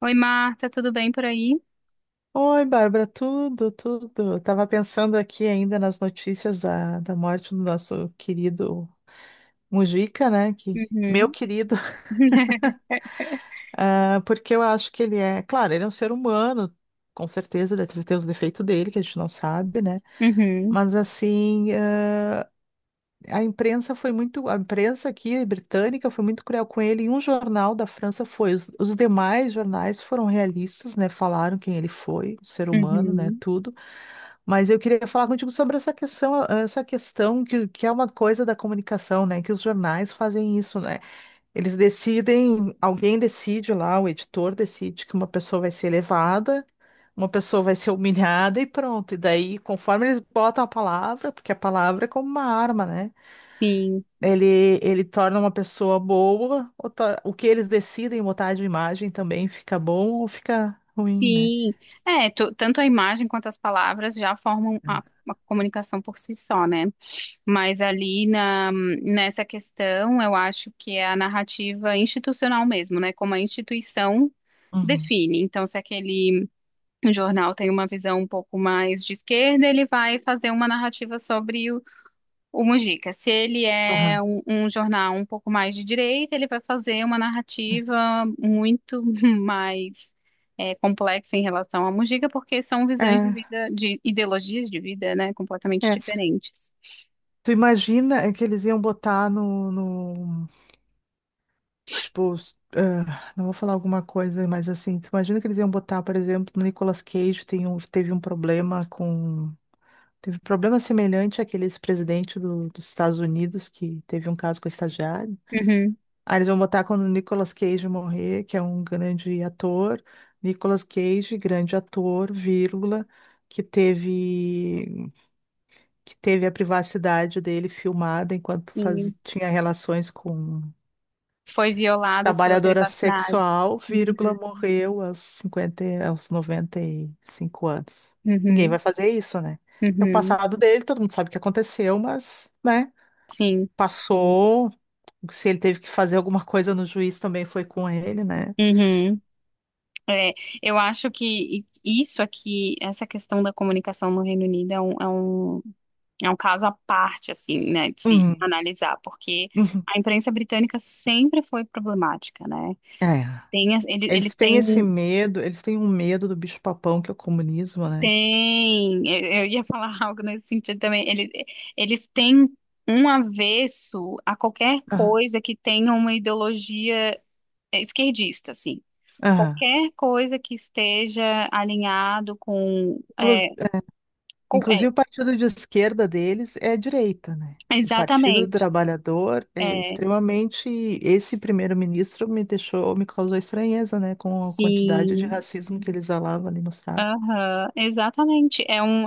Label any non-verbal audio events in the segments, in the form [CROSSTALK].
Oi, Marta, tudo bem por aí? Oi, Bárbara, tudo. Eu tava pensando aqui ainda nas notícias da morte do nosso querido Mujica, né? Que, meu Uhum. querido, [LAUGHS] [LAUGHS] porque eu acho que ele é, claro, ele é um ser humano, com certeza, deve ter os defeitos dele, que a gente não sabe, né? Uhum. Mas assim, a imprensa foi muito, a imprensa aqui britânica foi muito cruel com ele. E um jornal da França foi. Os demais jornais foram realistas, né? Falaram quem ele foi, o ser humano, né? Uhum. Tudo. Mas eu queria falar contigo sobre essa questão que é uma coisa da comunicação, né? Que os jornais fazem isso, né? Eles decidem, alguém decide lá, o editor decide que uma pessoa vai ser elevada. Uma pessoa vai ser humilhada e pronto. E daí, conforme eles botam a palavra, porque a palavra é como uma arma, né? Sim, Ele torna uma pessoa boa, ou o que eles decidem botar de imagem também fica bom ou fica ruim, né? sim. É, tanto a imagem quanto as palavras já formam a comunicação por si só, né? Mas ali nessa questão, eu acho que é a narrativa institucional mesmo, né? Como a instituição Uhum. define. Então, se aquele jornal tem uma visão um pouco mais de esquerda, ele vai fazer uma narrativa sobre o Mujica. Se ele é Aham. Um jornal um pouco mais de direita, ele vai fazer uma narrativa muito [LAUGHS] mais complexa em relação ao Mujica, porque são visões de É, vida, de ideologias de vida, né, completamente é. diferentes. Tu imagina é, que eles iam botar no tipo, não vou falar alguma coisa, mas assim, tu imagina que eles iam botar, por exemplo, no Nicolas Cage tem um, teve um problema com, teve problema semelhante àqueles presidente dos Estados Unidos que teve um caso com a estagiária. Uhum. Aí eles vão botar quando o Nicolas Cage morrer, que é um grande ator. Nicolas Cage, grande ator, vírgula, que teve, que teve a privacidade dele filmada enquanto E faz, tinha relações com foi violada a sua trabalhadora privacidade. sexual, Uhum. vírgula, morreu aos 50, aos 95 anos. Ninguém Uhum. vai fazer isso, né? É o Uhum. passado dele, todo mundo sabe o que aconteceu, mas, né, Sim. passou. Se ele teve que fazer alguma coisa no juiz, também foi com ele, né? Uhum. É, eu acho que isso aqui, essa questão da comunicação no Reino Unido é um é um caso à parte, assim, né, de se Uhum. analisar, porque Uhum. a imprensa britânica sempre foi problemática, né? É. Tem, Eles têm esse medo, eles têm um medo do bicho-papão, que é o comunismo, né? tem, eu ia falar [LAUGHS] algo nesse sentido também, ele, eles têm um avesso a qualquer Aham. coisa que tenha uma ideologia esquerdista, assim. Aham. Qualquer coisa que esteja alinhado com, Inclu- é, com- Inclusive, o partido de esquerda deles é a direita, né? é, O Partido do exatamente, Trabalhador é é, extremamente. Esse primeiro-ministro me deixou, me causou estranheza, né? Com a quantidade de sim. racismo que ele exalava ali, mostrava. Aham, exatamente. É um,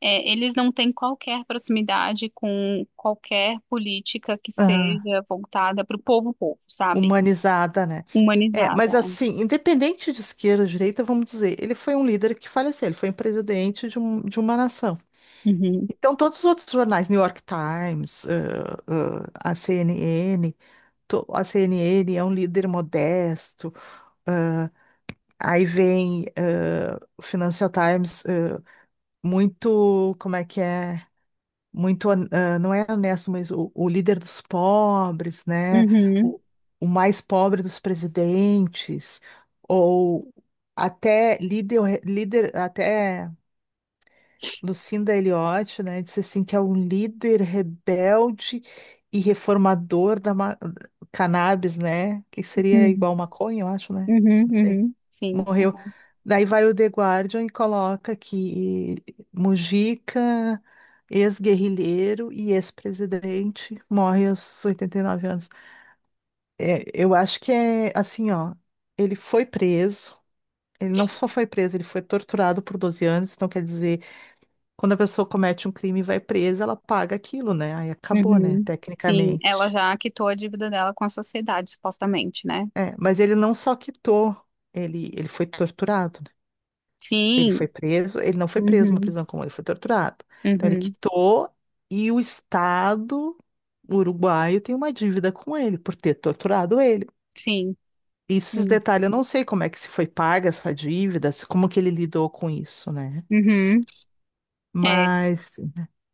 é, Eles não têm qualquer proximidade com qualquer política que Aham. seja voltada para o povo, povo, sabe? Humanizada, né? É, Humanizada. mas assim, independente de esquerda ou direita, vamos dizer, ele foi um líder que faleceu, ele foi um presidente de, de uma nação. Uhum, Então, todos os outros jornais, New York Times, a CNN, a CNN é um líder modesto, ãh, aí vem o Financial Times, muito, como é que é? Muito, não é honesto, mas o líder dos pobres, né? uhum, O, o mais pobre dos presidentes, ou até líder, líder até. Lucinda Eliotti, né, disse assim que é um líder rebelde e reformador da cannabis, né? Que seria uhum, igual maconha, eu acho, né? uhum, Não sei. uhum, sim, Morreu. Daí vai o The Guardian e coloca que Mujica, ex-guerrilheiro e ex-presidente, morre aos 89 anos. É, eu acho que é assim, ó, ele foi preso, ele não só foi preso, ele foi torturado por 12 anos, então quer dizer quando a pessoa comete um crime e vai presa, ela paga aquilo, né? Aí acabou, né? uhum, sim. Ela Tecnicamente. já quitou a dívida dela com a sociedade, supostamente, né? É, mas ele não só quitou, ele foi torturado, né? Ele Sim, foi preso, ele não foi preso numa uhum, prisão comum, ele foi torturado. Então ele uhum, quitou e o Estado uruguaio tem uma dívida com ele por ter torturado ele. sim, Isso, esses sim, detalhes eu não sei como é que se foi paga essa dívida, como que ele lidou com isso, né? uhum. É. Mas.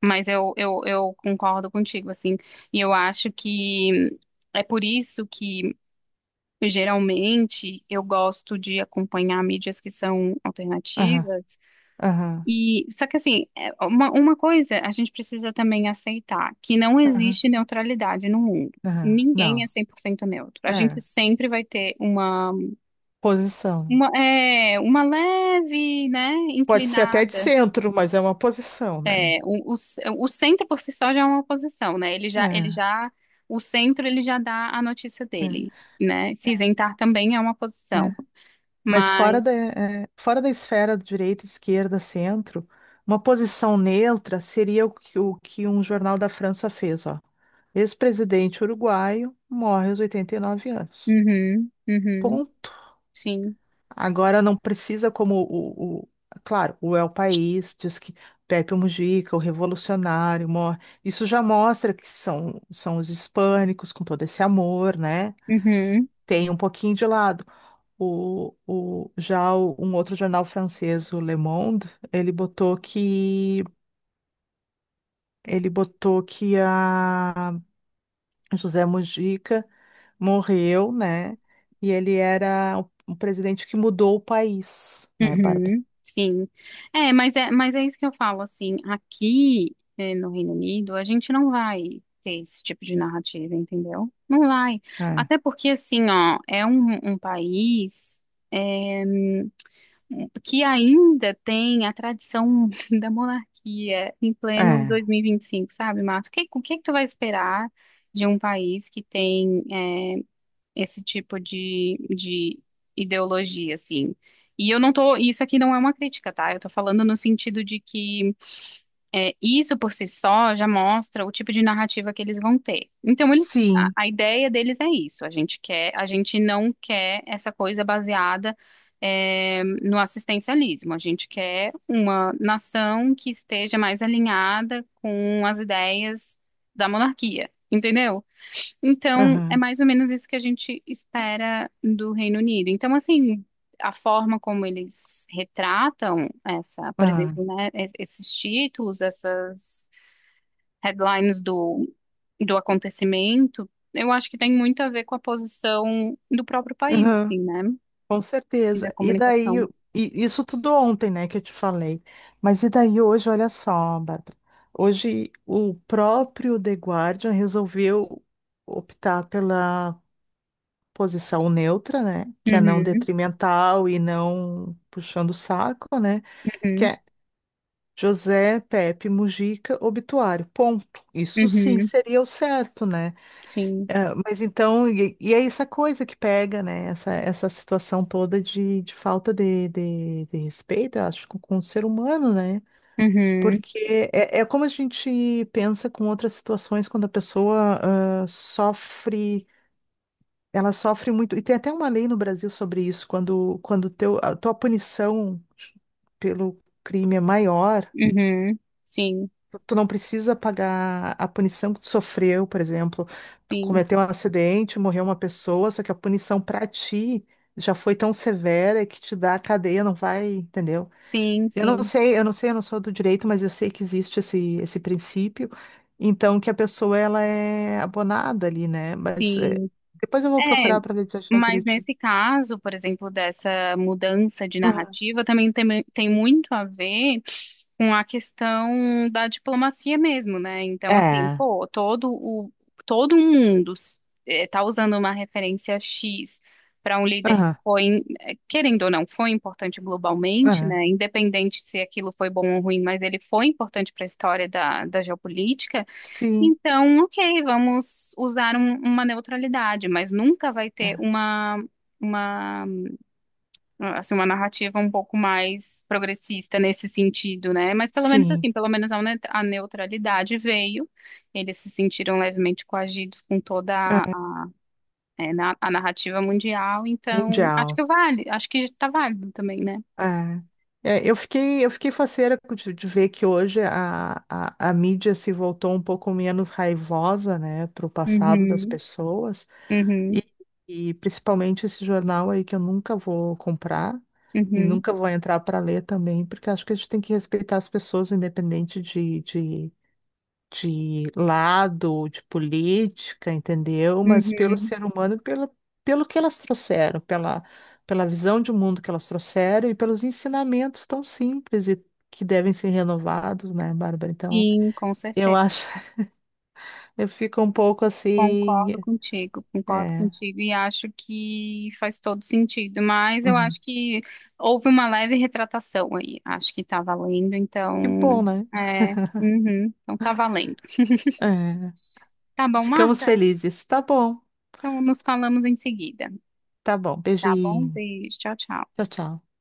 Mas eu concordo contigo, assim, e eu acho que é por isso que geralmente eu gosto de acompanhar mídias que são Aham, alternativas. aham, E só que assim, é uma coisa a gente precisa também aceitar, que não aham, existe neutralidade no mundo. aham. Ninguém é Não, 100% neutro. A gente é. sempre vai ter Posição. Uma leve, né, Pode ser até de inclinada. centro, mas é uma posição, né? É, o centro por si só já é uma oposição, né? Ele É, já, o centro, ele já dá a notícia é, dele, né? Se é, isentar também é uma posição, é. Mas fora mas, fora da esfera de direita, esquerda, centro, uma posição neutra seria o que um jornal da França fez, ó. Ex-presidente uruguaio morre aos 89 anos. uhum, uhum, Ponto. sim, Agora não precisa como claro, o El País diz que Pepe Mujica, o revolucionário, morre. Isso já mostra que são os hispânicos com todo esse amor, né? uhum, Tem um pouquinho de lado. Um outro jornal francês, o Le Monde, ele botou que a José Mujica morreu, né? E ele era o presidente que mudou o país, né, Bárbara? uhum, sim. É, mas é isso que eu falo, assim, aqui é, no Reino Unido a gente não vai ter esse tipo de narrativa, entendeu? Não vai. É, Até porque, assim, ó, é um país é, que ainda tem a tradição [LAUGHS] da monarquia em pleno é. 2025, sabe, Marcos? O que que tu vai esperar de um país que tem esse tipo de ideologia, assim? E eu não tô, isso aqui não é uma crítica, tá? Eu tô falando no sentido de que isso por si só já mostra o tipo de narrativa que eles vão ter. Então, eles, Sim. a ideia deles é isso. A gente quer, a gente não quer essa coisa baseada, no assistencialismo. A gente quer uma nação que esteja mais alinhada com as ideias da monarquia. Entendeu? Então, é Aham, mais ou menos isso que a gente espera do Reino Unido. Então, assim, a forma como eles retratam essa, por aham, exemplo, né, esses títulos, essas headlines do acontecimento, eu acho que tem muito a ver com a posição do próprio país, aham. assim, né? Com E da certeza. E comunicação. daí, e isso tudo ontem, né, que eu te falei. Mas e daí hoje, olha só, Bárbara. Hoje o próprio The Guardian resolveu optar pela posição neutra, né, que é não Uhum, detrimental e não puxando o saco, né, que uhum, é José Pepe Mujica obituário. Ponto. Isso sim uhum, seria o certo, né? sim. É, mas então, e é essa coisa que pega, né? Essa situação toda de falta de respeito, eu acho, com o ser humano, né? Uhum, Porque é como a gente pensa com outras situações quando a pessoa sofre, ela sofre muito. E tem até uma lei no Brasil sobre isso, quando teu, a tua punição pelo crime é maior. uhum, sim, Tu não precisa pagar a punição que tu sofreu, por exemplo, tu sim, cometeu um acidente, morreu uma pessoa, só que a punição pra ti já foi tão severa que te dá a cadeia, não vai, entendeu? sim, Eu não sim, sei, eu não sei, eu não sou do direito, mas eu sei que existe esse princípio, então que a pessoa ela é abonada ali, né? Mas sim. depois eu vou É, procurar para ver se eu achar mas direitinho. nesse caso, por exemplo, dessa mudança de Aham. narrativa, também tem muito a ver com a questão da diplomacia mesmo, né? Então, assim, É, pô, todo o todo um mundo está usando uma referência X para um líder que aham, foi, querendo ou não, foi importante globalmente, aham, né? Independente se aquilo foi bom ou ruim, mas ele foi importante para a história da geopolítica. sim, Então, ok, vamos usar uma neutralidade, mas nunca vai é, ter uma, uma narrativa um pouco mais progressista nesse sentido, né? Mas pelo menos sim, assim, pelo menos a neutralidade veio, eles se sentiram levemente coagidos com toda é, a narrativa mundial, então acho mundial. que vale, acho que está válido também, né? É, eu fiquei faceira de ver que hoje a mídia se voltou um pouco menos raivosa, né, para o passado das Uhum, pessoas, uhum, e, e principalmente esse jornal aí que eu nunca vou comprar e uhum, nunca vou entrar para ler também, porque acho que a gente tem que respeitar as pessoas, independente de lado, de política, entendeu? Mas pelo uhum. ser humano, pelo que elas trouxeram, pela visão de mundo que elas trouxeram e pelos ensinamentos tão simples e que devem ser renovados, né, Bárbara? Então, Sim, com eu certeza. acho, [LAUGHS] eu fico um pouco assim, Concordo é, contigo e acho que faz todo sentido, mas eu uhum. acho que houve uma leve retratação aí, acho que tá valendo, Que bom, então, né? é, uhum, então tá valendo. É, Tá bom, ficamos Marta? felizes. Então nos falamos em seguida, Tá bom. tá bom? Beijinho. Beijo, tchau, tchau. Tchau, tchau.